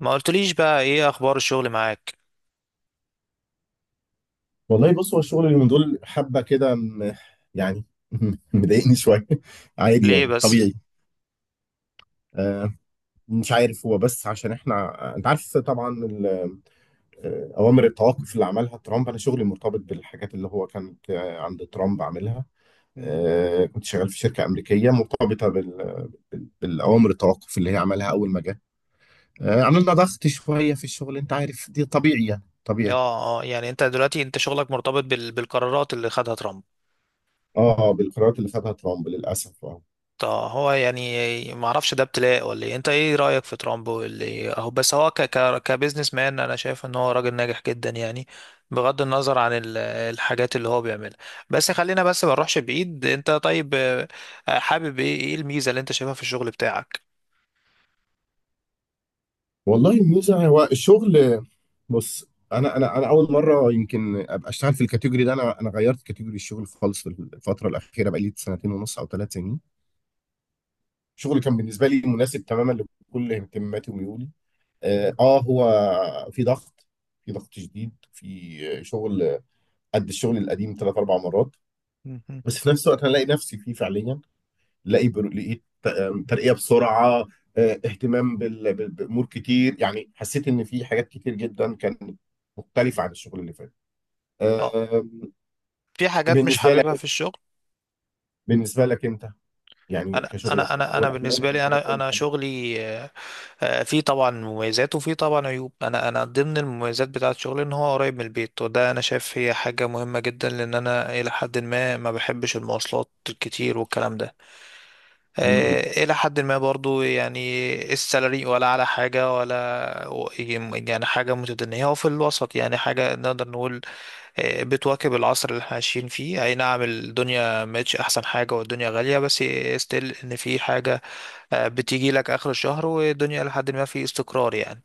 ما قلتليش بقى ايه اخبار الشغل معاك؟ والله بص، هو الشغل اللي من دول حبه كده يعني. مضايقني شويه، عادي ليه يعني بس؟ طبيعي. آه مش عارف، هو بس عشان احنا، انت عارف طبعا اوامر التوقف اللي عملها ترامب. انا شغلي مرتبط بالحاجات اللي هو كانت عند ترامب عاملها. مم. كنت شغال في شركه امريكيه مرتبطه بالاوامر التوقف اللي هي عملها اول ما جه. عملنا ضغط شويه في الشغل، انت عارف دي طبيعي يعني طبيعي. اه اه، يعني انت دلوقتي انت شغلك مرتبط بالقرارات اللي خدها ترامب. اه، بالقرارات اللي خدها ترامب للاسف. طب هو يعني ما اعرفش ده ابتلاء ولا ايه؟ انت ايه رايك في ترامب واللي اهو؟ بس هو كبزنس مان انا شايف ان هو راجل ناجح جدا يعني، بغض النظر عن الحاجات اللي هو بيعملها. بس خلينا بس ما نروحش بعيد. انت طيب، حابب ايه؟ ايه الميزه اللي انت شايفها في الشغل بتاعك؟ والله الميزه هو الشغل. بص، انا اول مره يمكن ابقى اشتغل في الكاتيجوري ده. انا غيرت كاتيجوري الشغل خالص في الفتره الاخيره، بقى لي سنتين ونص او ثلاث سنين. الشغل كان بالنسبه لي مناسب تماما لكل اهتماماتي وميولي. مم. هو في ضغط، في ضغط شديد في شغل قد الشغل القديم ثلاث اربع مرات. مم. بس في نفس الوقت انا الاقي نفسي فيه فعليا. لقيت ترقية بسرعة. اهتمام بأمور كتير، يعني حسيت إن في حاجات كتير جدا كانت مختلفة عن الشغل اللي فات. اه، آم، في حاجات مش بالنسبة لك، حاببها في الشغل؟ بالنسبة لك أنت، يعني انا انا كشغلك انا الأول انا أنا أقول بالنسبه لك لي، انا انا شغلي فيه طبعا مميزات وفيه طبعا عيوب. انا ضمن المميزات بتاعه شغلي ان هو قريب من البيت، وده انا شايف هي حاجه مهمه جدا، لان انا الى حد ما ما بحبش المواصلات الكتير والكلام ده. مم، الى حد ما برضو، يعني السالري ولا على حاجه ولا، يعني حاجه متدنيه، هو في الوسط، يعني حاجه نقدر نقول بتواكب العصر اللي احنا عايشين فيه. اي نعم الدنيا مش احسن حاجة، والدنيا غالية، بس ستيل ان في حاجة بتيجي لك اخر الشهر، والدنيا لحد ما في استقرار يعني.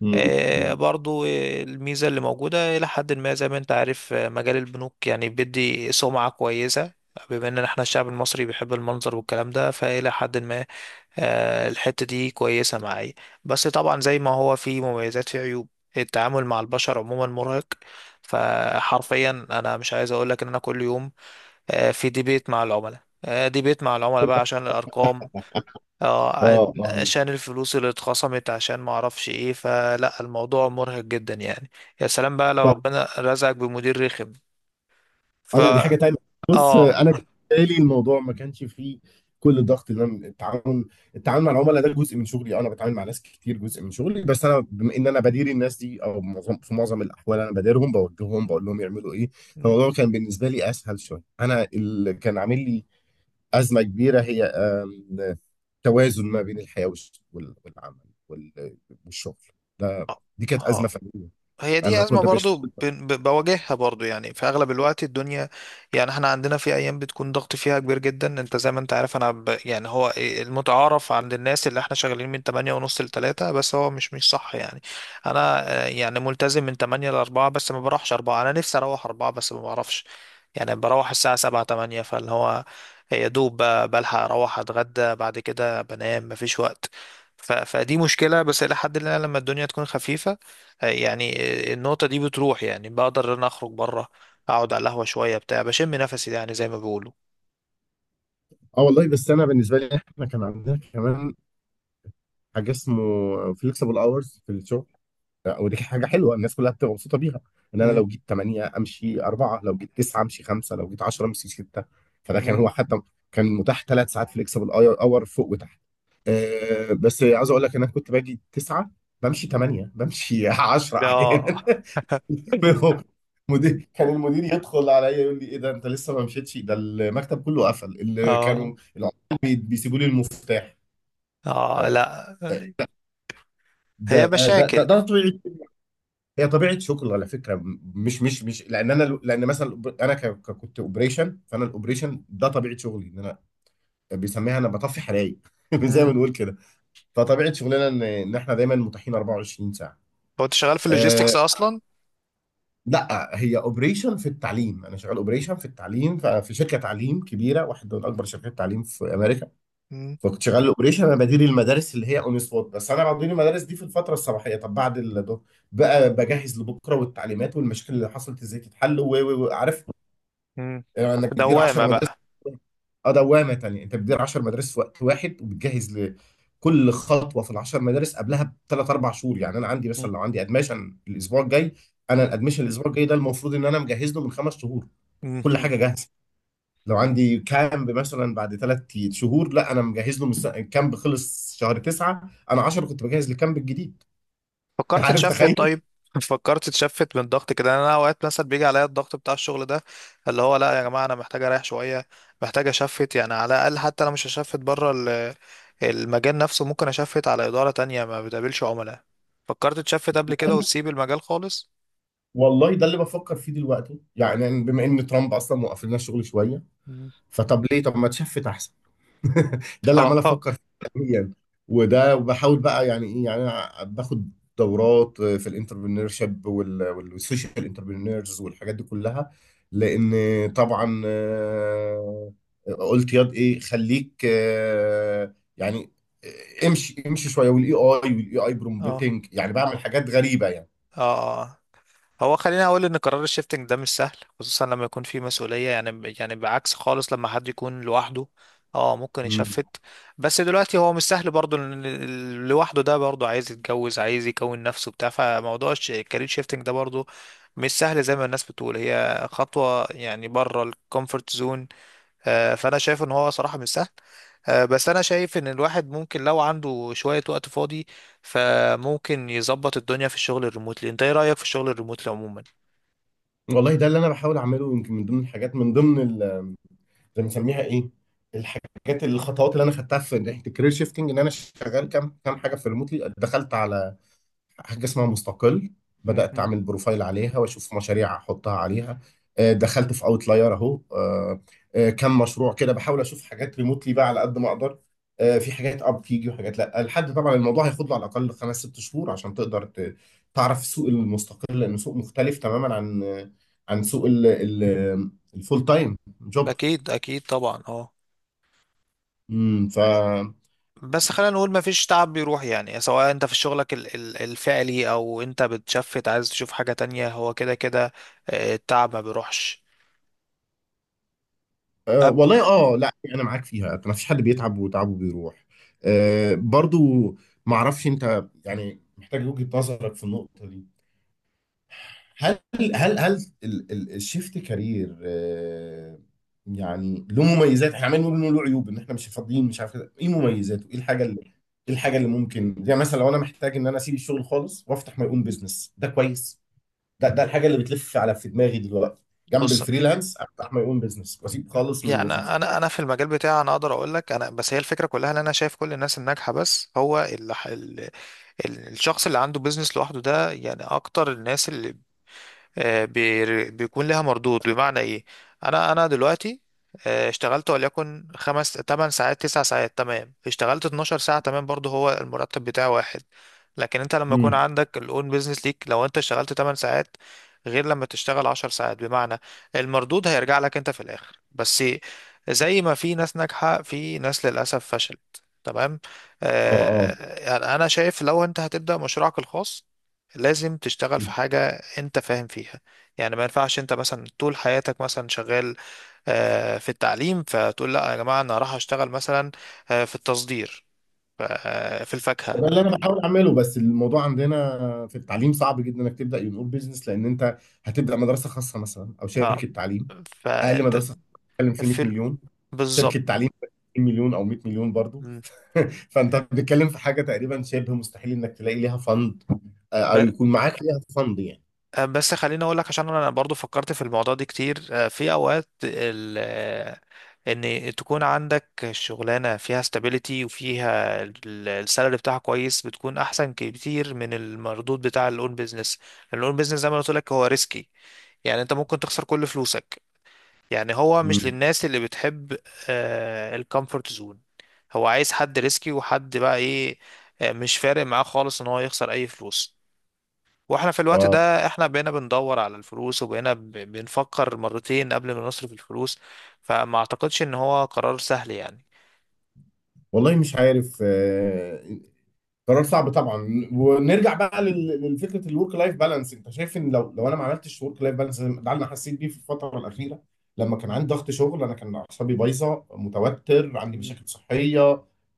مم، آه، مم. برضو آه، الميزة اللي موجودة إلى حد ما، زي ما أنت عارف، مجال البنوك يعني بيدي سمعة كويسة، بما إن إحنا الشعب المصري بيحب المنظر والكلام ده، فإلى حد ما الحتة دي كويسة معايا. بس طبعا زي ما هو في مميزات، في عيوب. التعامل مع البشر عموما مرهق، فحرفيا انا مش عايز اقولك ان انا كل يوم في ديبيت مع العملاء، ديبيت مع العملاء بقى عشان الارقام، آه، اه، مم. اه، عشان الفلوس اللي اتخصمت، عشان ما اعرفش ايه، فلا الموضوع مرهق جدا يعني. يا سلام بقى لو ربنا رزقك بمدير رخم. اه، ف لا دي حاجة تانية. بص، اه. انا بالنسبة لي الموضوع ما كانش فيه كل الضغط. اللي انا، التعامل مع العملاء ده جزء من شغلي. انا بتعامل مع ناس كتير، جزء من شغلي. بس انا بما ان انا بدير الناس دي، او معظم في معظم الاحوال انا بديرهم بوجههم بقول لهم يعملوا ايه. فالموضوع كان بالنسبة لي اسهل شوية. انا اللي كان عامل لي ازمة كبيرة هي توازن ما بين الحياة والعمل وال- والشغل ده. دي كانت آه. أزمة فنية. هي دي انا أزمة كنت برضو بشتغل. بواجهها برضو، يعني في أغلب الوقت الدنيا. يعني احنا عندنا في أيام بتكون ضغط فيها كبير جدا، انت زي ما انت عارف. أنا يعني هو إيه، المتعارف عند الناس اللي احنا شغالين من 8 ونص ل 3، بس هو مش صح يعني. أنا يعني ملتزم من 8 ل 4، بس ما بروحش 4. أنا نفسي أروح 4 بس ما بعرفش. يعني بروح الساعة 7، 8، فاللي هو يا دوب بلحق أروح أتغدى، بعد كده بنام، مفيش وقت. ف... فدي مشكلة، بس إلى حد ما لما الدنيا تكون خفيفة يعني النقطة دي بتروح، يعني بقدر ان أنا اخرج بره، اقعد على القهوة شوية بتاع، بشم نفسي يعني زي ما بيقولوا. اه والله، بس انا بالنسبه لي احنا كان عندنا كمان حاجه اسمه فليكسبل اورز في الشغل. ودي حاجه حلوه، الناس كلها بتبقى مبسوطه بيها. ان انا مم. لو جيت 8 امشي 4، لو جيت 9 امشي 5، لو جيت 10 امشي 6. فده كان مم. هو حتى، كان متاح ثلاث ساعات فليكسبل اور فوق وتحت. بس عاوز اقول لك ان انا كنت باجي 9 بمشي 8 بمشي 10 احيانا. اه. كان المدير يدخل عليا يقول لي ايه ده، انت لسه ما مشيتش؟ ده المكتب كله قفل، اللي اه. كانوا العمال بيسيبوا لي المفتاح. اه. آه، لا، ده هي ده ده, ده مشاكل. طبيعه. هي طبيعه شغل على فكره، مش لان انا، لان مثلا كنت اوبريشن، فانا الاوبريشن ده طبيعه شغلي، ان انا بيسميها انا بطفي حرايق زي ما مم. بنقول كده. فطبيعه شغلنا ان احنا دايما متاحين 24 ساعه. هو انت شغال في أه اللوجيستكس اصلا؟ لا، هي اوبريشن في التعليم، انا شغال اوبريشن في التعليم في شركه تعليم كبيره، واحده من اكبر شركات التعليم في امريكا. مم. فكنت شغال الاوبريشن، انا بدير المدارس اللي هي اون سبوت. بس انا بدير المدارس دي في الفتره الصباحيه، طب بعد ده بقى بجهز لبكره، والتعليمات والمشاكل اللي حصلت ازاي تتحل، وعارف مم. انك في بتدير 10 دوامة مدارس. بقى؟ اه، دوامه تانيه، انت بتدير 10 مدارس في وقت واحد، وبتجهز لكل خطوه في ال 10 مدارس قبلها بثلاث اربع شهور. يعني انا عندي مم. مثلا لو عندي ادمشن الاسبوع الجاي، انا الادمشن الاسبوع الجاي ده المفروض ان انا مجهز له من خمس شهور، كل مم. حاجه جاهزه. لو عندي كامب مثلا بعد ثلاث شهور، لا انا مجهز له من الكامب خلص شهر تسعة، انا 10 كنت بجهز للكامب الجديد. فكرت عارف تشفت تخيل. طيب؟ فكرت تشفت من الضغط كده يعني؟ انا اوقات مثلا بيجي عليا الضغط بتاع الشغل ده، اللي هو لا يا جماعه انا محتاج اريح شويه، محتاج اشفت، يعني على الاقل حتى انا مش هشفت بره المجال نفسه، ممكن اشفت على اداره تانية ما بتقابلش عملاء. فكرت تشفت قبل كده وتسيب المجال خالص؟ والله ده اللي بفكر فيه دلوقتي، يعني بما ان ترامب اصلا موقف لنا الشغل شويه. مم. فطب ليه، طب ما تشفت احسن. ده اللي عمال اه. افكر فيه حاليا. وده، وبحاول بقى، يعني ايه، يعني انا باخد دورات في الانتربرينور شيب والسوشيال انتربرينورز والحاجات دي كلها. لان طبعا قلت ياض ايه خليك، يعني امشي امشي شويه. والاي اي اه. برومبتنج، يعني بعمل حاجات غريبه يعني. اه. هو خليني اقول ان قرار الشيفتنج ده مش سهل، خصوصا لما يكون في مسؤوليه، يعني يعني بعكس خالص لما حد يكون لوحده، اه ممكن مم. يشفت. بس دلوقتي هو مش سهل برضه، لأن لوحده ده برضه عايز يتجوز، عايز يكون نفسه بتاع، فموضوع الكارير شيفتنج ده برضه مش سهل زي ما الناس بتقول، هي خطوه يعني بره الكومفورت زون. فانا شايف ان هو صراحة مش سهل. بس انا شايف ان الواحد ممكن لو عنده شوية وقت فاضي فممكن يظبط الدنيا في الشغل الريموتلي. انت ايه رأيك في الشغل الريموتلي عموما؟ والله ده اللي انا بحاول اعمله، يمكن من ضمن الحاجات، من ضمن، بنسميها ايه، الحاجات، الخطوات اللي انا خدتها في ناحيه الكارير شيفتنج، ان انا شغال كام كام حاجه في ريموتلي. دخلت على حاجه اسمها مستقل، بدات مهم. اعمل بروفايل عليها واشوف مشاريع احطها عليها. دخلت في اوتلاير اهو، كام مشروع كده، بحاول اشوف حاجات ريموتلي بقى على قد ما اقدر. في حاجات اب تيجي وحاجات لا، لحد طبعا الموضوع هياخد له على الاقل خمس ست شهور عشان تقدر تعرف سوق المستقل، لانه سوق مختلف تماما عن عن سوق الفول تايم جوب. اكيد اكيد طبعا. اه، امم، ف بس خلينا نقول ما فيش تعب بيروح، يعني سواء انت في شغلك الفعلي، او انت بتشفت عايز تشوف حاجة تانية، هو كده كده التعب ما بيروحش. أب... والله اه، لا يعني انا معاك فيها، ما فيش حد بيتعب وتعبه بيروح. برضو، ما اعرفش انت، يعني محتاج وجهة نظرك في النقطة دي. هل، هل الشيفت كارير يعني له مميزات؟ احنا عمالين نقول انه له عيوب، ان احنا مش فاضيين مش عارف كده. ايه مم. مميزاته؟ ايه الحاجه اللي، ايه الحاجه اللي ممكن، زي مثلا لو انا محتاج ان انا اسيب الشغل خالص وافتح ماي اون بزنس؟ ده كويس. ده الحاجه اللي بتلف على في دماغي دلوقتي، جنب بص، الفريلانس، افتح ماي اون بزنس واسيب خالص من يعني وظيفه. انا في المجال بتاعي انا اقدر اقول لك، انا بس هي الفكرة كلها ان انا شايف كل الناس الناجحة. بس هو الشخص اللي عنده بيزنس لوحده ده، يعني اكتر الناس اللي بيكون لها مردود. بمعنى ايه؟ انا دلوقتي اشتغلت وليكن 5 8 ساعات، 9 ساعات، تمام. اشتغلت 12 ساعة، تمام، برضه هو المرتب بتاعه واحد. لكن انت لما يكون امم، عندك الاون بيزنس ليك، لو انت اشتغلت 8 ساعات غير لما تشتغل 10 ساعات، بمعنى المردود هيرجع لك انت في الاخر. بس زي ما في ناس ناجحة، في ناس للأسف فشلت، تمام. اه اه، يعني انا شايف لو انت هتبدأ مشروعك الخاص لازم تشتغل في حاجة انت فاهم فيها. يعني ما ينفعش انت مثلا طول حياتك مثلا شغال في التعليم، فتقول لا يا جماعة انا راح اشتغل مثلا في التصدير، في ده الفاكهة. اللي انا بحاول اعمله. بس الموضوع عندنا في التعليم صعب جدا انك تبدا يون اون بزنس، لان انت هتبدا مدرسه خاصه مثلا او آه، شركه تعليم. اقل فانت مدرسه بتتكلم في 100 في مليون، شركه بالظبط. تعليم 20 مليون او 100 مليون برضو. م. فانت بتتكلم في حاجه تقريبا شبه مستحيل انك تلاقي ليها فند، او ب- يكون معاك ليها فند يعني. بس خليني اقول لك، عشان انا برضو فكرت في الموضوع ده كتير. في اوقات ال آه، ان تكون عندك شغلانه فيها استابيليتي وفيها السالري بتاعها كويس، بتكون احسن كتير من المردود بتاع الاون بيزنس. الاون بيزنس زي ما قلت لك هو ريسكي، يعني انت ممكن تخسر كل فلوسك، يعني هو مش امم، للناس اللي بتحب الكومفورت زون. هو عايز حد ريسكي، وحد بقى ايه مش فارق معاه خالص ان هو يخسر اي فلوس. واحنا في الوقت اه، ده احنا بقينا بندور على الفلوس، وبقينا بنفكر مرتين قبل ما نصرف الفلوس. فما اعتقدش ان هو قرار سهل يعني. والله مش عارف، قرار صعب طبعا. ونرجع بقى للفكره، الورك لايف بالانس، انت شايف ان، لو لو انا ما عملتش ورك لايف بالانس، ده اللي انا حسيت بيه في الفتره الاخيره. لما كان عندي ضغط شغل انا كان اعصابي بايظه، متوتر، عندي مم. مشاكل صحيه.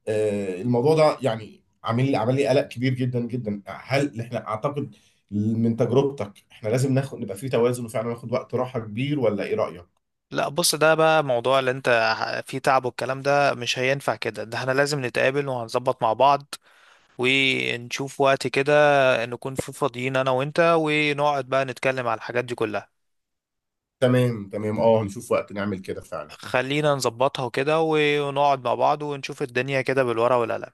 الموضوع ده يعني عامل لي، عمل لي قلق كبير جدا جدا. هل احنا، اعتقد من تجربتك احنا لازم ناخد، نبقى في توازن وفعلا ناخد وقت راحه كبير، ولا ايه رايك؟ لا، بص، ده بقى موضوع اللي انت فيه تعب، والكلام ده مش هينفع كده. ده احنا لازم نتقابل، وهنظبط مع بعض، ونشوف وقت كده نكون فاضيين انا وانت، ونقعد بقى نتكلم على الحاجات دي كلها. تمام تمام، اه هنشوف وقت نعمل كده فعلا. خلينا نظبطها وكده، ونقعد مع بعض، ونشوف الدنيا كده بالورقة والقلم.